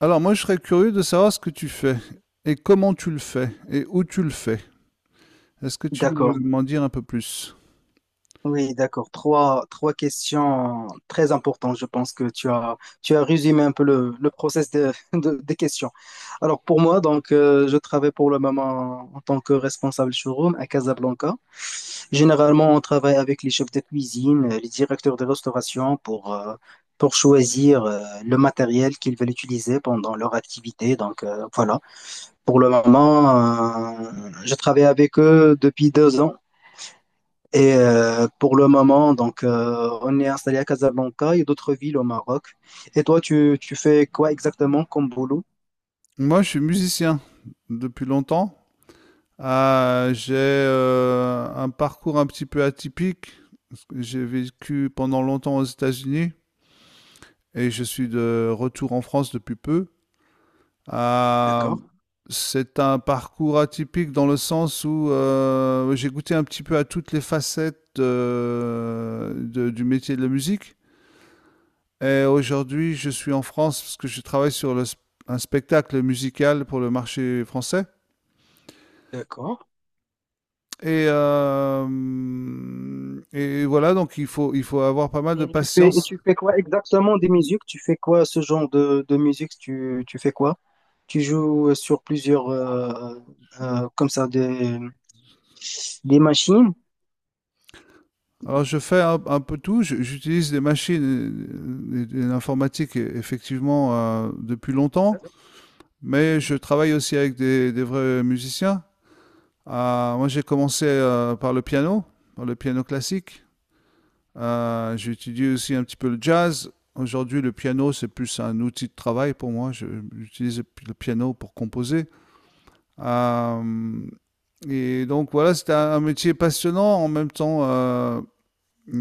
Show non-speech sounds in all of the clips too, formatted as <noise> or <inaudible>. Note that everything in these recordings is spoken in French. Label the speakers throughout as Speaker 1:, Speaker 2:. Speaker 1: Alors moi, je serais curieux de savoir ce que tu fais et comment tu le fais et où tu le fais. Est-ce que tu peux
Speaker 2: D'accord,
Speaker 1: m'en dire un peu plus?
Speaker 2: oui, d'accord. Trois questions très importantes. Je pense que tu as résumé un peu le process <laughs> des questions. Alors pour moi, donc, je travaille pour le moment en tant que responsable showroom à Casablanca. Généralement, on travaille avec les chefs de cuisine, les directeurs de restauration pour choisir le matériel qu'ils veulent utiliser pendant leur activité. Donc voilà, pour le moment, euh, je travaille avec eux depuis 2 ans. Et pour le moment, donc, on est installé à Casablanca et d'autres villes au Maroc. Et toi, tu fais quoi exactement comme boulot?
Speaker 1: Moi, je suis musicien depuis longtemps. Ah, j'ai un parcours un petit peu atypique. J'ai vécu pendant longtemps aux États-Unis et je suis de retour en France depuis peu. Ah,
Speaker 2: D'accord,
Speaker 1: c'est un parcours atypique dans le sens où j'ai goûté un petit peu à toutes les facettes du métier de la musique. Et aujourd'hui, je suis en France parce que je travaille sur un spectacle musical pour le marché français.
Speaker 2: d'accord.
Speaker 1: Et, euh, et voilà, donc il faut avoir pas mal de
Speaker 2: Et
Speaker 1: patience.
Speaker 2: tu fais quoi exactement des musiques? Tu fais quoi ce genre de musique? Tu fais quoi? Tu joues sur plusieurs, comme ça, des machines?
Speaker 1: Alors je fais un peu tout. J'utilise des machines et l'informatique effectivement depuis longtemps,
Speaker 2: Exact.
Speaker 1: mais je travaille aussi avec des vrais musiciens. Ah, moi j'ai commencé par le piano classique. J'ai aussi un petit peu le jazz. Aujourd'hui, le piano, c'est plus un outil de travail pour moi. J'utilise le piano pour composer. Euh, et donc, voilà, c'est un métier passionnant. En même temps,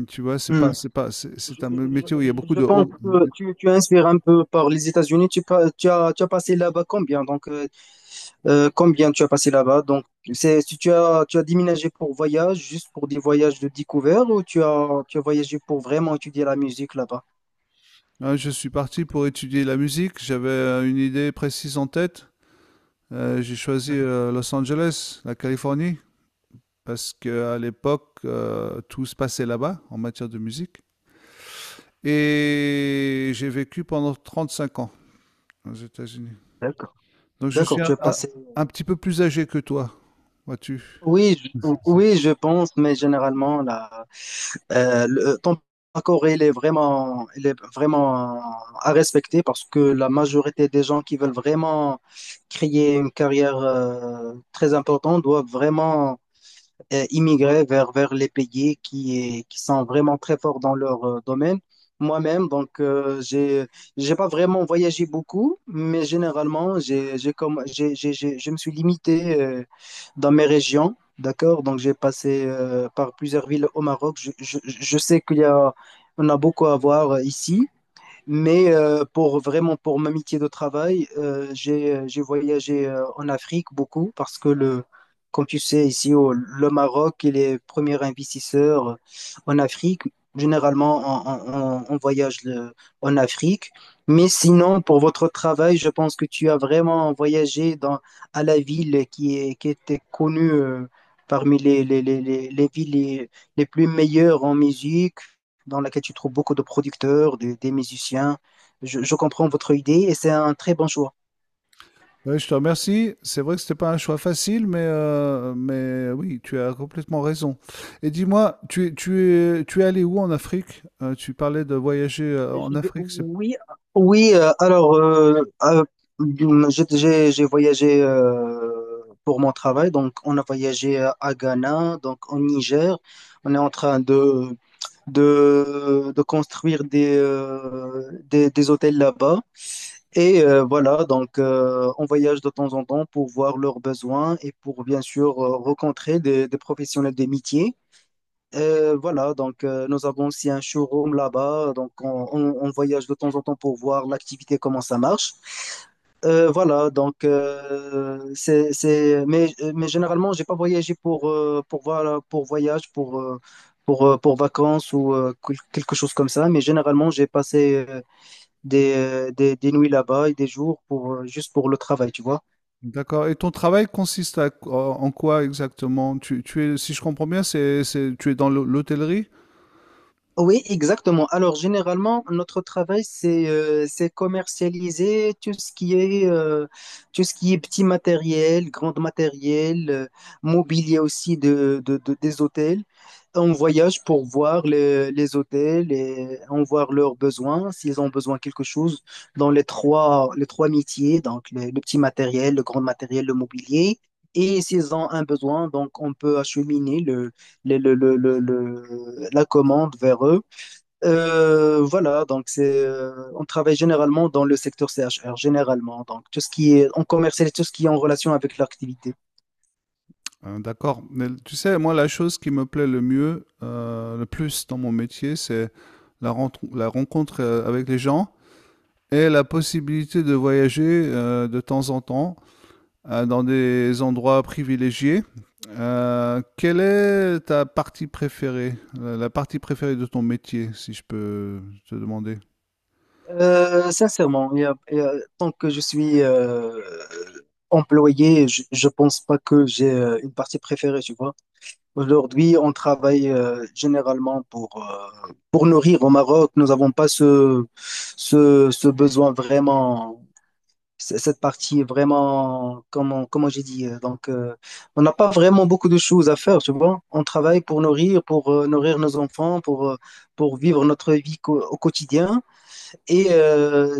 Speaker 1: tu vois, c'est pas,
Speaker 2: Je,
Speaker 1: c'est un métier où il y a
Speaker 2: je-
Speaker 1: beaucoup
Speaker 2: je-
Speaker 1: de
Speaker 2: pense
Speaker 1: hauts.
Speaker 2: que tu inspires un peu par les États-Unis. Tu as passé là-bas combien? Donc, combien tu as passé là-bas? Donc, si tu as déménagé pour voyage, juste pour des voyages de découverte, ou tu as voyagé pour vraiment étudier la musique là-bas?
Speaker 1: Hein, je suis parti pour étudier la musique. J'avais une idée précise en tête. J'ai choisi
Speaker 2: Hmm.
Speaker 1: Los Angeles, la Californie, parce qu'à l'époque, tout se passait là-bas en matière de musique. Et j'ai vécu pendant 35 ans aux États-Unis.
Speaker 2: D'accord.
Speaker 1: Donc je suis
Speaker 2: D'accord, tu as passé.
Speaker 1: un petit peu plus âgé que toi, vois-tu.
Speaker 2: Oui, oui, je pense, mais généralement, là. Ton accord, il est vraiment à respecter parce que la majorité des gens qui veulent vraiment créer une carrière très importante doivent vraiment immigrer vers les pays qui sont vraiment très forts dans leur domaine. Moi-même, donc, j'ai pas vraiment voyagé beaucoup, mais généralement, j'ai comme, j'ai- je me suis limité dans mes régions, d'accord? Donc, j'ai passé par plusieurs villes au Maroc. Je sais qu'il y a, on a beaucoup à voir ici. Mais pour vraiment pour m'amitié de travail, j'ai voyagé en Afrique beaucoup parce que le comme tu sais ici au, le Maroc il est premier investisseur en Afrique. Généralement on voyage en Afrique. Mais sinon pour votre travail, je pense que tu as vraiment voyagé dans à la ville qui est qui était connue parmi les les villes les plus meilleures en musique dans laquelle tu trouves beaucoup de producteurs, des musiciens. Je comprends votre idée et c'est un très bon choix.
Speaker 1: Ouais, je te remercie. C'est vrai que c'était pas un choix facile, mais, mais oui, tu as complètement raison. Et dis-moi, tu es allé où en Afrique? Tu parlais de voyager en Afrique, c'est
Speaker 2: Oui, oui, alors, j'ai voyagé pour mon travail, donc on a voyagé à Ghana, donc au Niger. On est en train de construire des hôtels là-bas. Et voilà, donc on voyage de temps en temps pour voir leurs besoins et pour bien sûr rencontrer des professionnels des métiers. Voilà, donc nous avons aussi un showroom là-bas, donc on voyage de temps en temps pour voir l'activité, comment ça marche. Voilà, donc c'est, mais généralement, j'ai pas voyagé pour voyage, pour vacances ou quelque chose comme ça, mais généralement, j'ai passé des nuits là-bas et des jours juste pour le travail, tu vois.
Speaker 1: d'accord. Et ton travail consiste en en quoi exactement? Tu es, si je comprends bien, tu es dans l'hôtellerie?
Speaker 2: Oui, exactement. Alors, généralement, notre travail, c'est commercialiser tout ce qui est tout ce qui est petit matériel, grand matériel, mobilier aussi des hôtels. On voyage pour voir les hôtels et on voit leurs besoins, s'ils ont besoin de quelque chose dans les trois métiers, donc le petit matériel, le grand matériel, le mobilier. Et s'ils ont un besoin, donc on peut acheminer la commande vers eux. Voilà, donc on travaille généralement dans le secteur C H R généralement. Donc tout ce qui est en commercial tout ce qui est en relation avec l'activité.
Speaker 1: D'accord. Mais tu sais, moi, la chose qui me plaît le plus dans mon métier, c'est la rencontre avec les gens et la possibilité de voyager de temps en temps dans des endroits privilégiés. Quelle est ta partie préférée, la partie préférée de ton métier, si je peux te demander?
Speaker 2: Sincèrement, tant que je suis employé, je pense pas que j'ai une partie préférée, tu vois. Aujourd'hui, on travaille généralement pour nourrir au Maroc. Nous n'avons pas ce besoin vraiment, cette partie vraiment, comment j'ai dit. Donc, on n'a pas vraiment beaucoup de choses à faire, tu vois. On travaille pour nourrir nos enfants, pour vivre notre vie au quotidien. Et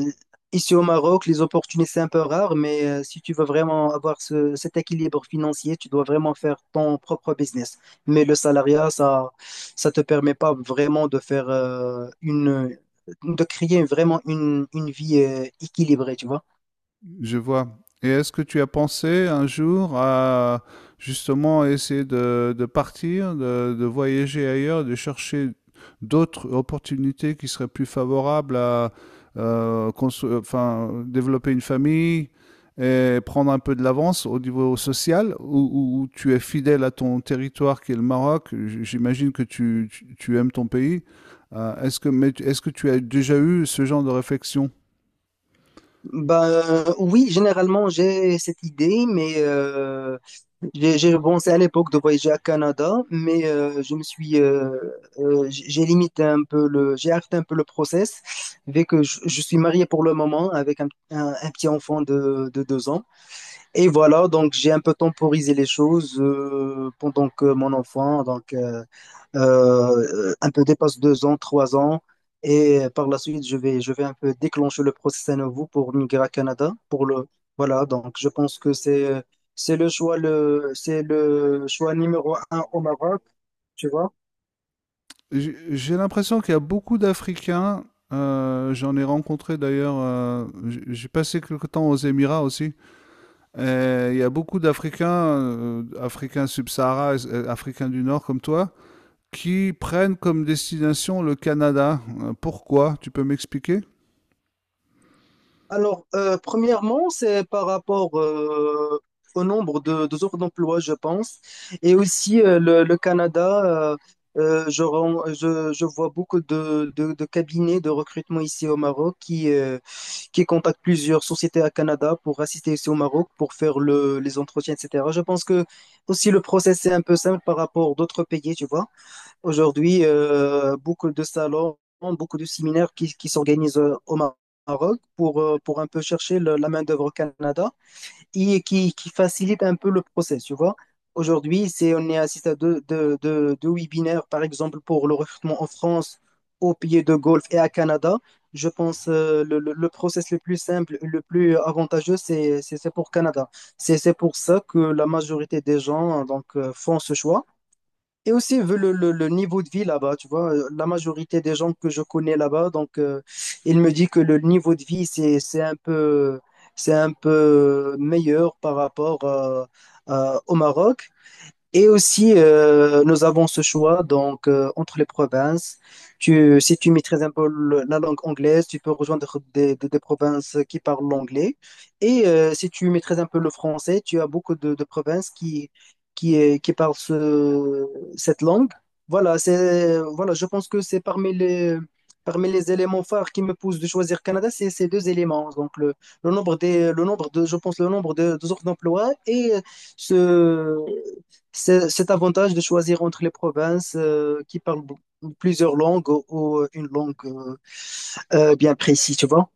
Speaker 2: ici au Maroc, les opportunités, c'est un peu rare, mais si tu veux vraiment avoir cet équilibre financier, tu dois vraiment faire ton propre business. Mais le salariat, ça te permet pas vraiment de faire de créer vraiment une vie équilibrée, tu vois.
Speaker 1: Je vois. Et est-ce que tu as pensé un jour à justement essayer de partir, de voyager ailleurs, de chercher d'autres opportunités qui seraient plus favorables à enfin, développer une famille et prendre un peu de l'avance au niveau social, où tu es fidèle à ton territoire qui est le Maroc. J'imagine que tu aimes ton pays. Mais est-ce que tu as déjà eu ce genre de réflexion?
Speaker 2: Bah, oui, généralement, j'ai cette idée, mais j'ai pensé à l'époque de voyager à Canada, mais je me suis, j'ai limité un peu le, j'ai arrêté un peu le process, vu que je suis marié pour le moment avec un petit enfant de 2 ans. Et voilà, donc j'ai un peu temporisé les choses pendant que mon enfant, donc un peu dépasse 2 ans, 3 ans, et par la suite je vais un peu déclencher le process à nouveau pour migrer à Canada, voilà, donc je pense que c'est le choix c'est le choix numéro un au Maroc, tu vois.
Speaker 1: J'ai l'impression qu'il y a beaucoup d'Africains. Euh, j'en ai rencontré d'ailleurs. J'ai passé quelque temps aux Émirats aussi. Et il y a beaucoup d'Africains, Africains subsahara, Africains du Nord comme toi, qui prennent comme destination le Canada. Pourquoi? Tu peux m'expliquer?
Speaker 2: Alors, premièrement, c'est par rapport au nombre de offres d'emploi, je pense. Et aussi, le Canada, euh, je vois beaucoup de cabinets de recrutement ici au Maroc qui contactent plusieurs sociétés à Canada pour assister ici au Maroc pour faire les entretiens, etc. Je pense que aussi le process est un peu simple par rapport d'autres pays, tu vois. Aujourd'hui, beaucoup de salons, beaucoup de séminaires qui s'organisent au Maroc pour un peu chercher la main-d'œuvre au Canada et qui facilite un peu le process, tu vois. Aujourd'hui, on est assisté à deux webinaires, par exemple, pour le recrutement en France, aux pays de Golfe et à Canada. Je pense le process le plus simple, le plus avantageux, c'est pour Canada. C'est pour ça que la majorité des gens donc, font ce choix. Et aussi, vu le niveau de vie là-bas, tu vois, la majorité des gens que je connais là-bas, donc, il me dit que le niveau de vie, c'est un peu meilleur par rapport au Maroc. Et aussi, nous avons ce choix donc entre les provinces. Si tu maîtrises un peu la langue anglaise, tu peux rejoindre des provinces qui parlent l'anglais. Et si tu maîtrises un peu le français, tu as beaucoup de provinces qui parlent cette langue. Voilà, voilà, je pense que c'est parmi parmi les éléments phares qui me poussent de choisir Canada, c'est ces deux éléments. Donc le nombre des, le nombre de offres d'emploi et ce c'est cet avantage de choisir entre les provinces qui parlent plusieurs langues ou une langue bien précise, tu vois.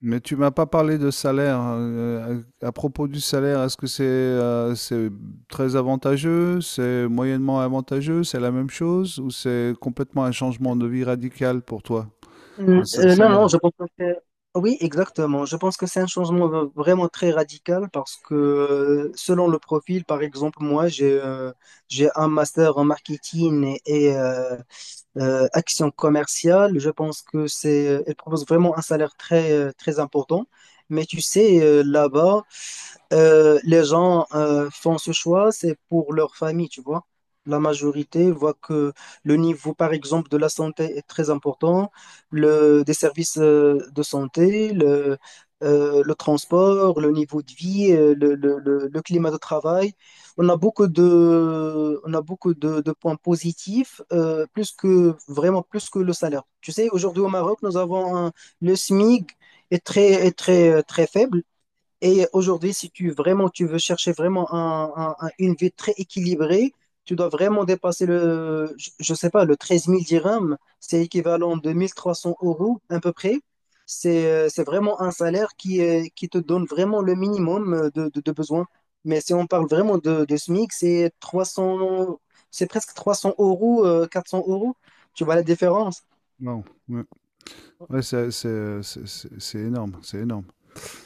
Speaker 1: Mais tu m'as pas parlé de salaire, hein. À propos du salaire, est-ce que c'est très avantageux, c'est moyennement avantageux, c'est la même chose ou c'est complètement un changement de vie radical pour toi?
Speaker 2: Non,
Speaker 1: Salaire.
Speaker 2: non, je pense que Oui, exactement. Je pense que c'est un changement vraiment très radical parce que selon le profil, par exemple, moi, j'ai un master en marketing action commerciale. Je pense que elle propose vraiment un salaire très important. Mais tu sais, là-bas, les gens font ce choix, c'est pour leur famille, tu vois. La majorité voit que le niveau, par exemple, de la santé est très important, des services de santé, le transport, le niveau de vie, le climat de travail. On a beaucoup de points positifs, plus que, vraiment plus que le salaire. Tu sais, aujourd'hui au Maroc, nous avons le SMIG est très, très faible. Et aujourd'hui, si tu vraiment tu veux chercher vraiment une vie très équilibrée, tu dois vraiment dépasser je sais pas, le 13 000 dirhams, c'est équivalent de 1 300 euros à peu près. C'est vraiment un salaire qui te donne vraiment le minimum de besoins. Mais si on parle vraiment de SMIC, c'est 300, c'est presque 300 euros, 400 euros. Tu vois la différence?
Speaker 1: Non. Ouais, ouais, c'est énorme, c'est énorme.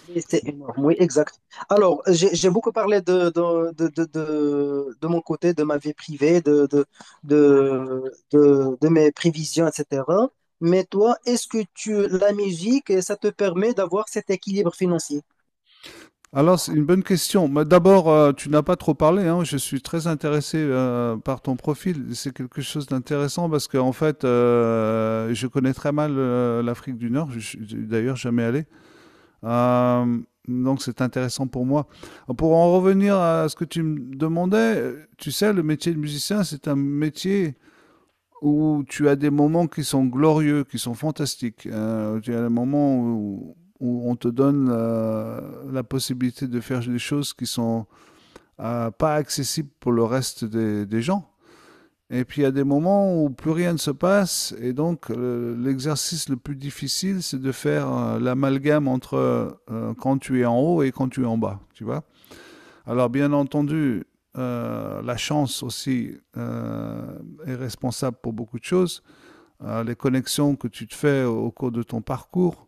Speaker 2: Oui, c'est énorme, oui, exact. Alors, j'ai beaucoup parlé de mon côté, de ma vie privée, de mes prévisions, etc. Mais toi, est-ce que tu, la musique, ça te permet d'avoir cet équilibre financier?
Speaker 1: Alors, c'est une bonne question. Mais d'abord, tu n'as pas trop parlé, hein. Je suis très intéressé par ton profil. C'est quelque chose d'intéressant parce qu'en fait, je connais très mal l'Afrique du Nord. Je suis d'ailleurs jamais allé. Euh, donc c'est intéressant pour moi. Pour en revenir à ce que tu me demandais, tu sais, le métier de musicien, c'est un métier où tu as des moments qui sont glorieux, qui sont fantastiques. Tu as des moments où on te donne la possibilité de faire des choses qui sont pas accessibles pour le reste des gens. Et puis il y a des moments où plus rien ne se passe, et donc l'exercice le plus difficile, c'est de faire l'amalgame entre quand tu es en haut et quand tu es en bas, tu vois. Alors bien entendu, la chance aussi est responsable pour beaucoup de choses. Les connexions que tu te fais au cours de ton parcours,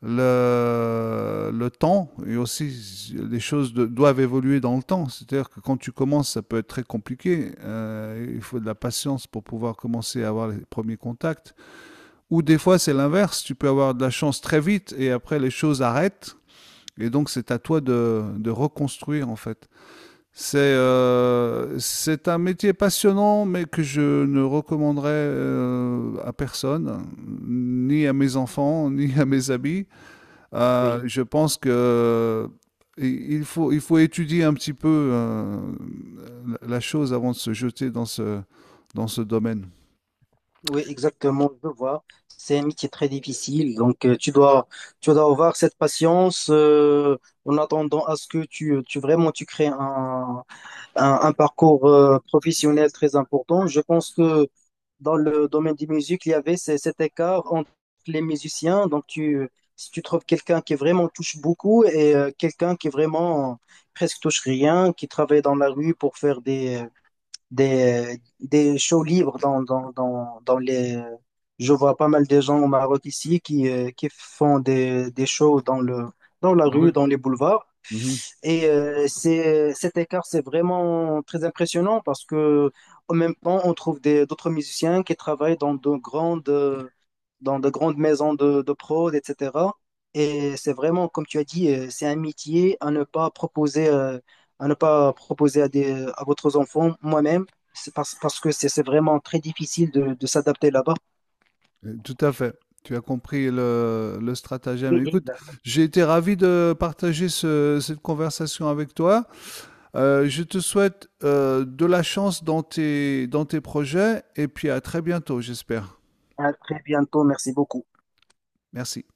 Speaker 1: le temps et aussi doivent évoluer dans le temps. C'est-à-dire que quand tu commences, ça peut être très compliqué. Il faut de la patience pour pouvoir commencer à avoir les premiers contacts. Ou des fois, c'est l'inverse. Tu peux avoir de la chance très vite et après, les choses arrêtent. Et donc, c'est à toi de reconstruire, en fait. C'est un métier passionnant, mais que je ne recommanderais à personne, ni à mes enfants, ni à mes amis.
Speaker 2: Oui.
Speaker 1: Je pense que il faut étudier un petit peu la chose avant de se jeter dans dans ce domaine.
Speaker 2: Oui, exactement, je vois. C'est un métier très difficile, donc tu dois avoir cette patience en attendant à ce que tu vraiment tu crées un parcours professionnel très important. Je pense que dans le domaine des musiques, il y avait cet écart entre les musiciens. Donc si tu trouves quelqu'un qui vraiment touche beaucoup et quelqu'un qui vraiment presque touche rien, qui travaille dans la rue pour faire des shows libres dans les. Je vois pas mal de gens au Maroc ici qui font des shows dans la rue, dans les boulevards.
Speaker 1: Mhm.
Speaker 2: Et cet écart, c'est vraiment très impressionnant parce que en même temps, on trouve des, d'autres musiciens qui travaillent dans de grandes maisons de prod, etc. Et c'est vraiment, comme tu as dit, c'est un métier à ne pas proposer, à ne pas proposer à des, à votre enfant, moi-même, parce que c'est vraiment très difficile de s'adapter là-bas.
Speaker 1: Tout à fait. Tu as compris le stratagème.
Speaker 2: Oui,
Speaker 1: Écoute,
Speaker 2: exact.
Speaker 1: j'ai été ravi de partager cette conversation avec toi. Je te souhaite de la chance dans dans tes projets et puis à très bientôt, j'espère.
Speaker 2: À très bientôt. Merci beaucoup.
Speaker 1: Merci.